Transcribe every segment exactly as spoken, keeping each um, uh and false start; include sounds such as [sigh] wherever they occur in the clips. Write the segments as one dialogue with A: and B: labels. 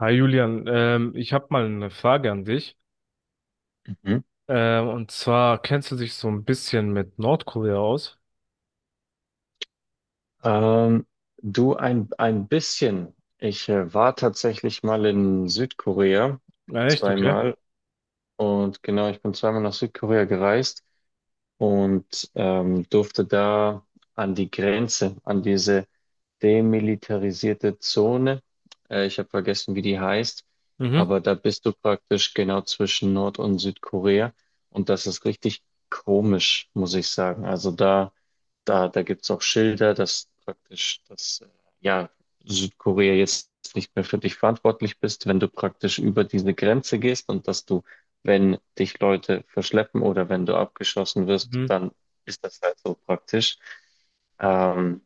A: Hi Julian, ähm, ich habe mal eine Frage an dich.
B: Mhm.
A: Ähm, und zwar, kennst du dich so ein bisschen mit Nordkorea aus?
B: Ähm, du ein, ein bisschen. Ich äh, war tatsächlich mal in Südkorea
A: Ah, echt, okay.
B: zweimal. Und genau, ich bin zweimal nach Südkorea gereist und ähm, durfte da an die Grenze, an diese demilitarisierte Zone. Äh, ich habe vergessen, wie die heißt,
A: Mhm.
B: aber da bist du praktisch genau zwischen Nord- und Südkorea und das ist richtig komisch, muss ich sagen. Also da, da, da gibt's auch Schilder, dass praktisch, dass äh, ja, Südkorea jetzt nicht mehr für dich verantwortlich bist, wenn du praktisch über diese Grenze gehst und dass du, wenn dich Leute verschleppen oder wenn du abgeschossen wirst,
A: Mhm.
B: dann ist das halt so praktisch. Ähm,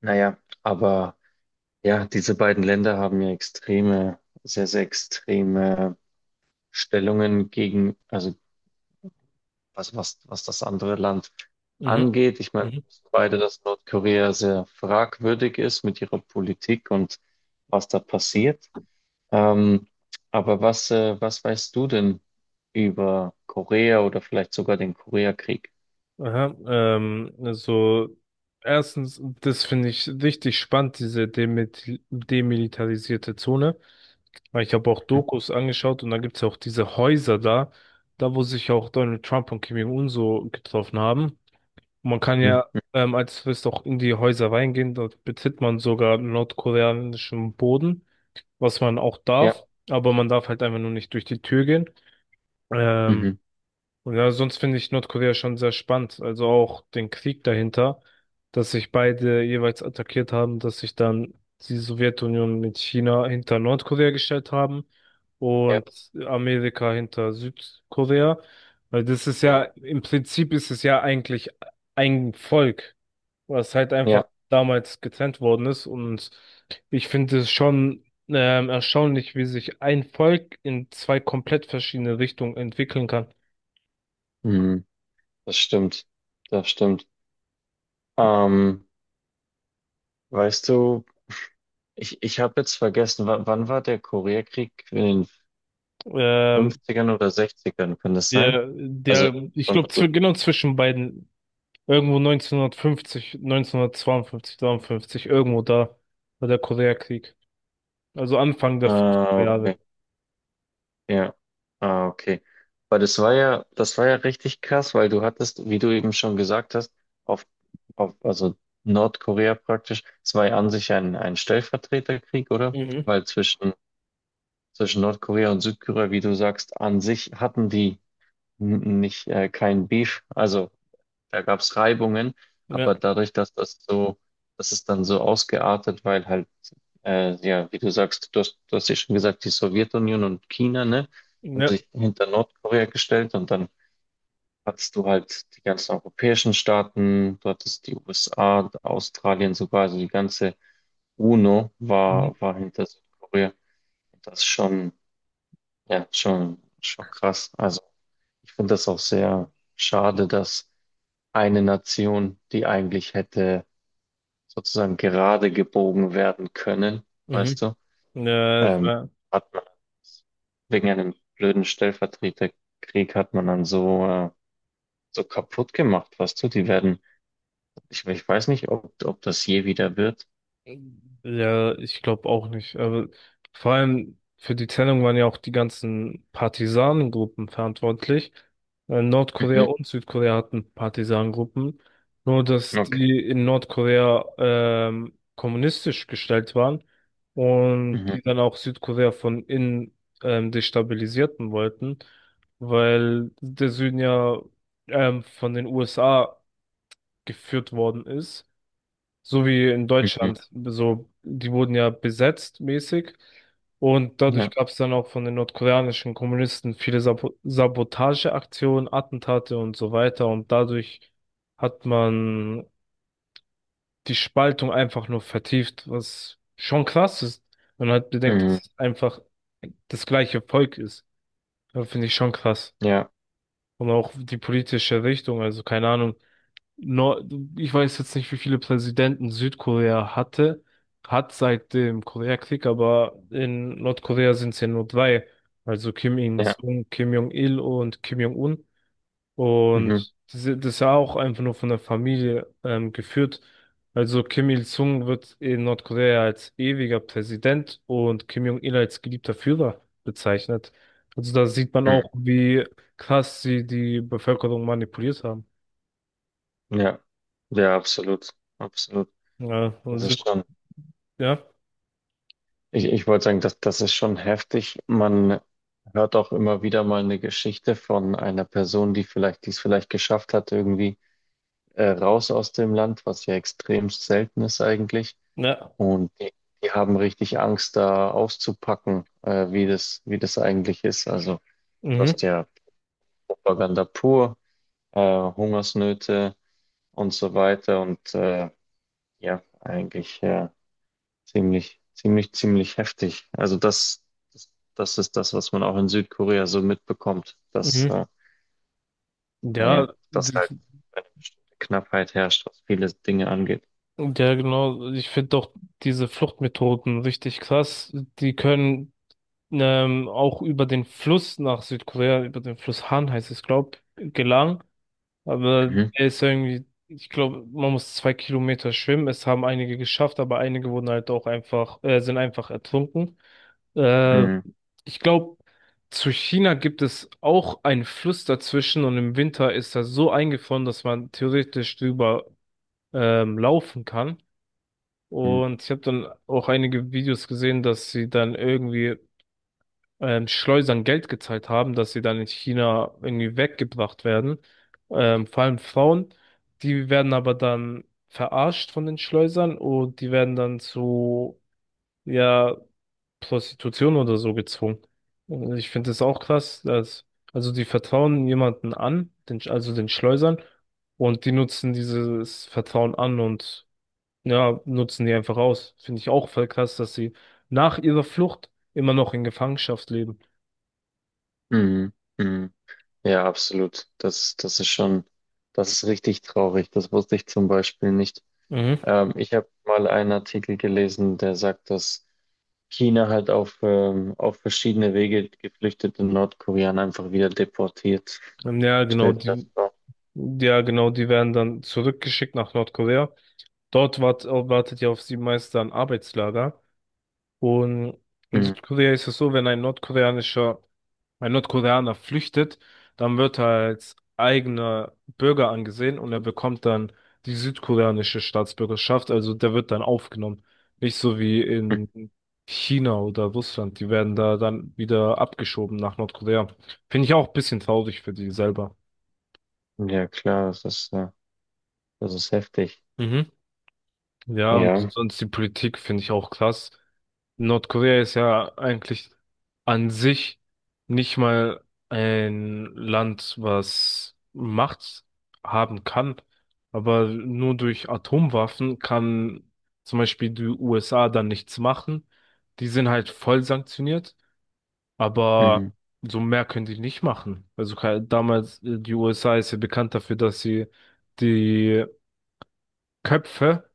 B: naja, aber ja, diese beiden Länder haben ja extreme, sehr, sehr extreme Stellungen gegen, also was, was, was das andere Land
A: Mhm.
B: angeht. Ich meine, wir
A: Mhm.
B: wissen beide, dass Nordkorea sehr fragwürdig ist mit ihrer Politik und was da passiert. Ähm, aber was, äh, was weißt du denn über Korea oder vielleicht sogar den Koreakrieg?
A: Aha. Ähm, also erstens, das finde ich richtig spannend, diese demil- demilitarisierte Zone. Weil ich habe auch Dokus angeschaut und da gibt es auch diese Häuser da, da wo sich auch Donald Trump und Kim Jong-un so getroffen haben. Und man kann
B: Mhm.
A: ja ähm, als Tourist auch in die Häuser reingehen. Dort betritt man sogar nordkoreanischen Boden, was man auch
B: Ja,
A: darf. Aber man darf halt einfach nur nicht durch die Tür gehen. Ähm,
B: mhm.
A: und ja, sonst finde ich Nordkorea schon sehr spannend. Also auch den Krieg dahinter, dass sich beide jeweils attackiert haben, dass sich dann die Sowjetunion mit China hinter Nordkorea gestellt haben
B: Ja,
A: und Amerika hinter Südkorea. Weil das ist ja,
B: mhm.
A: im Prinzip ist es ja eigentlich ein Volk, was halt einfach
B: Ja,
A: damals getrennt worden ist. Und ich finde es schon ähm, erstaunlich, wie sich ein Volk in zwei komplett verschiedene Richtungen entwickeln kann.
B: mhm. Das stimmt. Das stimmt. Ähm, Weißt du, ich, ich habe jetzt vergessen, wa- wann war der Koreakrieg? In den
A: Ähm,
B: Fünfzigern oder Sechzigern ern kann das sein?
A: der,
B: Also
A: der, Ich
B: schon
A: glaube,
B: früh.
A: zw genau zwischen beiden, irgendwo neunzehnhundertfünfzig, neunzehnhundertzweiundfünfzig, dreiundfünfzig, irgendwo da war der Koreakrieg. Also Anfang der
B: Ah,
A: fünfziger
B: okay.
A: Jahre.
B: Ja. Ah, okay. Weil das war ja, das war ja richtig krass, weil du hattest, wie du eben schon gesagt hast, auf, auf also Nordkorea praktisch, es war ja an sich ein, ein Stellvertreterkrieg, oder?
A: Mhm.
B: Weil zwischen, zwischen Nordkorea und Südkorea, wie du sagst, an sich hatten die n- nicht äh, kein Beef. Also da gab es Reibungen,
A: Ja,
B: aber dadurch, dass das so, das ist dann so ausgeartet, weil halt, äh, ja, wie du sagst, du hast, du hast ja schon gesagt, die Sowjetunion und China, ne, haben
A: ja.
B: sich hinter Nordkorea gestellt und dann hattest du halt die ganzen europäischen Staaten, du hattest die U S A, Australien sogar, also die ganze U N O
A: Mhm.
B: war, war hinter Südkorea. Das ist schon, ja, schon, schon krass. Also ich finde das auch sehr schade, dass eine Nation, die eigentlich hätte sozusagen gerade gebogen werden können, weißt
A: Mhm.
B: du,
A: Mhm. Ja,
B: ähm, hat man wegen einem blöden Stellvertreterkrieg hat man dann so, äh, so kaputt gemacht, weißt du, die werden, ich, ich weiß nicht, ob, ob das je wieder wird.
A: Ja, ich glaube auch nicht. Aber vor allem für die Trennung waren ja auch die ganzen Partisanengruppen verantwortlich. Äh, Nordkorea
B: Mhm.
A: und Südkorea hatten Partisanengruppen. Nur, dass
B: Okay.
A: die in Nordkorea ähm, kommunistisch gestellt waren und
B: Mhm.
A: die dann auch Südkorea von innen ähm, destabilisierten wollten, weil der Süden ja ähm, von den U S A geführt worden ist. So wie in
B: Mhm.
A: Deutschland. So, die wurden ja besetzt mäßig. Und dadurch
B: Ja.
A: gab es dann auch von den nordkoreanischen Kommunisten viele Sabo Sabotageaktionen, Attentate und so weiter. Und dadurch hat man die Spaltung einfach nur vertieft, was schon krass ist. Man hat bedenkt,
B: Mhm.
A: dass es einfach das gleiche Volk ist. Das finde ich schon krass.
B: Ja.
A: Und auch die politische Richtung. Also keine Ahnung. Nor Ich weiß jetzt nicht, wie viele Präsidenten Südkorea hatte, hat seit dem Koreakrieg, aber in Nordkorea sind es ja nur drei. Also Kim
B: Ja.
A: Il-sung, Kim Jong-il und Kim Jong-un.
B: Mhm.
A: Und das ist das ist ja auch einfach nur von der Familie ähm, geführt. Also Kim Il-sung wird in Nordkorea als ewiger Präsident und Kim Jong-il als geliebter Führer bezeichnet. Also da sieht man
B: Mhm.
A: auch, wie krass sie die Bevölkerung manipuliert haben.
B: Ja. Ja, absolut. Absolut.
A: Ja,
B: Das
A: und Süd
B: ist schon.
A: ja.
B: Ich, ich wollte sagen, das, das ist schon heftig. Man hört auch immer wieder mal eine Geschichte von einer Person, die vielleicht, die es vielleicht geschafft hat, irgendwie äh, raus aus dem Land, was ja extrem selten ist eigentlich.
A: Ja,
B: Und die, die haben richtig Angst, da auszupacken, äh, wie das, wie das eigentlich ist. Also du hast
A: mhm,
B: ja Propaganda pur, äh, Hungersnöte und so weiter. Und äh, ja, eigentlich. Äh, Ziemlich, ziemlich, ziemlich heftig. Also das, das, das ist das, was man auch in Südkorea so mitbekommt, dass,
A: mhm.
B: äh,
A: Ja,
B: naja, dass
A: d-
B: halt eine bestimmte Knappheit herrscht, was viele Dinge angeht.
A: ja, genau. Ich finde auch diese Fluchtmethoden richtig krass. Die können ähm, auch über den Fluss nach Südkorea, über den Fluss Han heißt es, glaube ich, gelangen. Aber
B: Mhm.
A: der ist irgendwie, ich glaube, man muss zwei Kilometer schwimmen. Es haben einige geschafft, aber einige wurden halt auch einfach, äh, sind einfach ertrunken. Äh,
B: Mhm.
A: Ich glaube, zu China gibt es auch einen Fluss dazwischen und im Winter ist er so eingefroren, dass man theoretisch drüber ähm, laufen kann.
B: Mhm.
A: Und ich habe dann auch einige Videos gesehen, dass sie dann irgendwie ähm, Schleusern Geld gezahlt haben, dass sie dann in China irgendwie weggebracht werden. Ähm, vor allem Frauen, die werden aber dann verarscht von den Schleusern und die werden dann zu, ja, Prostitution oder so gezwungen. Und ich finde es auch krass, dass, also die vertrauen jemanden an, den, also den Schleusern, und die nutzen dieses Vertrauen an und ja, nutzen die einfach aus. Finde ich auch voll krass, dass sie nach ihrer Flucht immer noch in Gefangenschaft leben.
B: Mhm. Mhm. Ja, absolut. Das, das ist schon, das ist richtig traurig. Das wusste ich zum Beispiel nicht.
A: Mhm.
B: Ähm, ich habe mal einen Artikel gelesen, der sagt, dass China halt auf, ähm, auf verschiedene Wege geflüchtete Nordkoreaner einfach wieder deportiert.
A: Ja, genau,
B: Stellt das
A: die,
B: vor.
A: ja, genau, die werden dann zurückgeschickt nach Nordkorea. Dort wart, wartet ja auf sie meist ein Arbeitslager. Und in
B: Mhm.
A: Südkorea ist es so, wenn ein nordkoreanischer Ein Nordkoreaner flüchtet, dann wird er als eigener Bürger angesehen und er bekommt dann die südkoreanische Staatsbürgerschaft, also der wird dann aufgenommen. Nicht so wie in China oder Russland, die werden da dann wieder abgeschoben nach Nordkorea. Finde ich auch ein bisschen traurig für die selber.
B: Mhm. Ja, klar, das ist, äh, das ist heftig.
A: Mhm. Ja, und
B: Ja.
A: sonst die Politik finde ich auch krass. Nordkorea ist ja eigentlich an sich nicht mal ein Land, was Macht haben kann, aber nur durch Atomwaffen kann zum Beispiel die U S A dann nichts machen. Die sind halt voll sanktioniert, aber
B: Mhm.
A: so mehr können die nicht machen. Also ke- damals, äh, die U S A ist ja bekannt dafür, dass sie die Köpfe,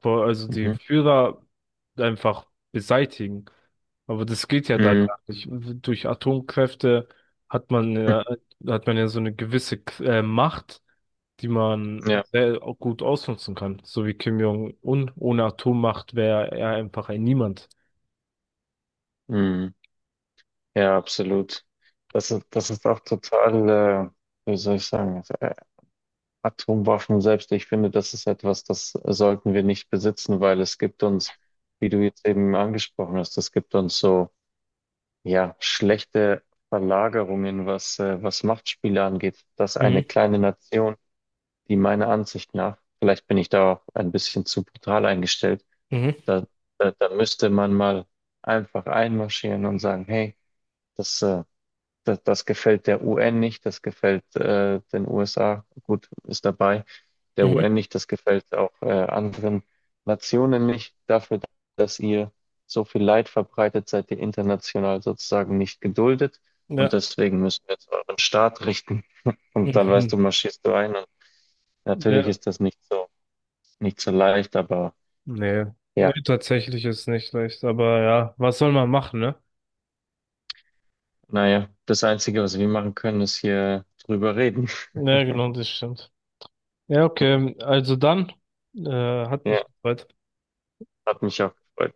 A: vor- also die
B: Mhm.
A: Führer einfach beseitigen. Aber das geht ja da
B: Mhm.
A: gar nicht. Durch Atomkräfte hat man
B: Mhm.
A: ja, hat man ja so eine gewisse äh, Macht, die man
B: Ja.
A: sehr au- gut ausnutzen kann. So wie Kim Jong-un. Ohne Atommacht wäre er einfach ein Niemand.
B: Mhm. Ja, absolut. Das ist, das ist auch total, äh, wie soll ich sagen, also, äh, Atomwaffen selbst, ich finde, das ist etwas, das sollten wir nicht besitzen, weil es gibt uns, wie du jetzt eben angesprochen hast, es gibt uns so, ja, schlechte Verlagerungen, was, äh, was Machtspiele angeht, dass
A: Mhm,
B: eine kleine Nation, die meiner Ansicht nach, vielleicht bin ich da auch ein bisschen zu brutal eingestellt,
A: mhm,
B: da, da, da müsste man mal einfach einmarschieren und sagen, hey, das, äh, das, das gefällt der U N nicht, das gefällt äh, den U S A, gut, ist dabei, der
A: mhm.
B: U N nicht, das gefällt auch äh, anderen Nationen nicht, dafür, dass ihr so viel Leid verbreitet, seid ihr international sozusagen nicht geduldet und
A: Ja.
B: deswegen müssen wir jetzt euren Staat richten [laughs]
A: [laughs]
B: und dann weißt du,
A: Mhm.
B: marschierst du ein und natürlich
A: Ja.
B: ist das nicht so, nicht so leicht, aber
A: Nee. Nee,
B: ja,
A: tatsächlich ist nicht leicht. Aber ja, was soll man machen, ne?
B: naja, das Einzige, was wir machen können, ist hier drüber reden. [laughs]
A: Ja, genau, das stimmt. Ja, okay. Also dann, äh, hat
B: Ja,
A: mich gefreut.
B: hat mich auch gefreut.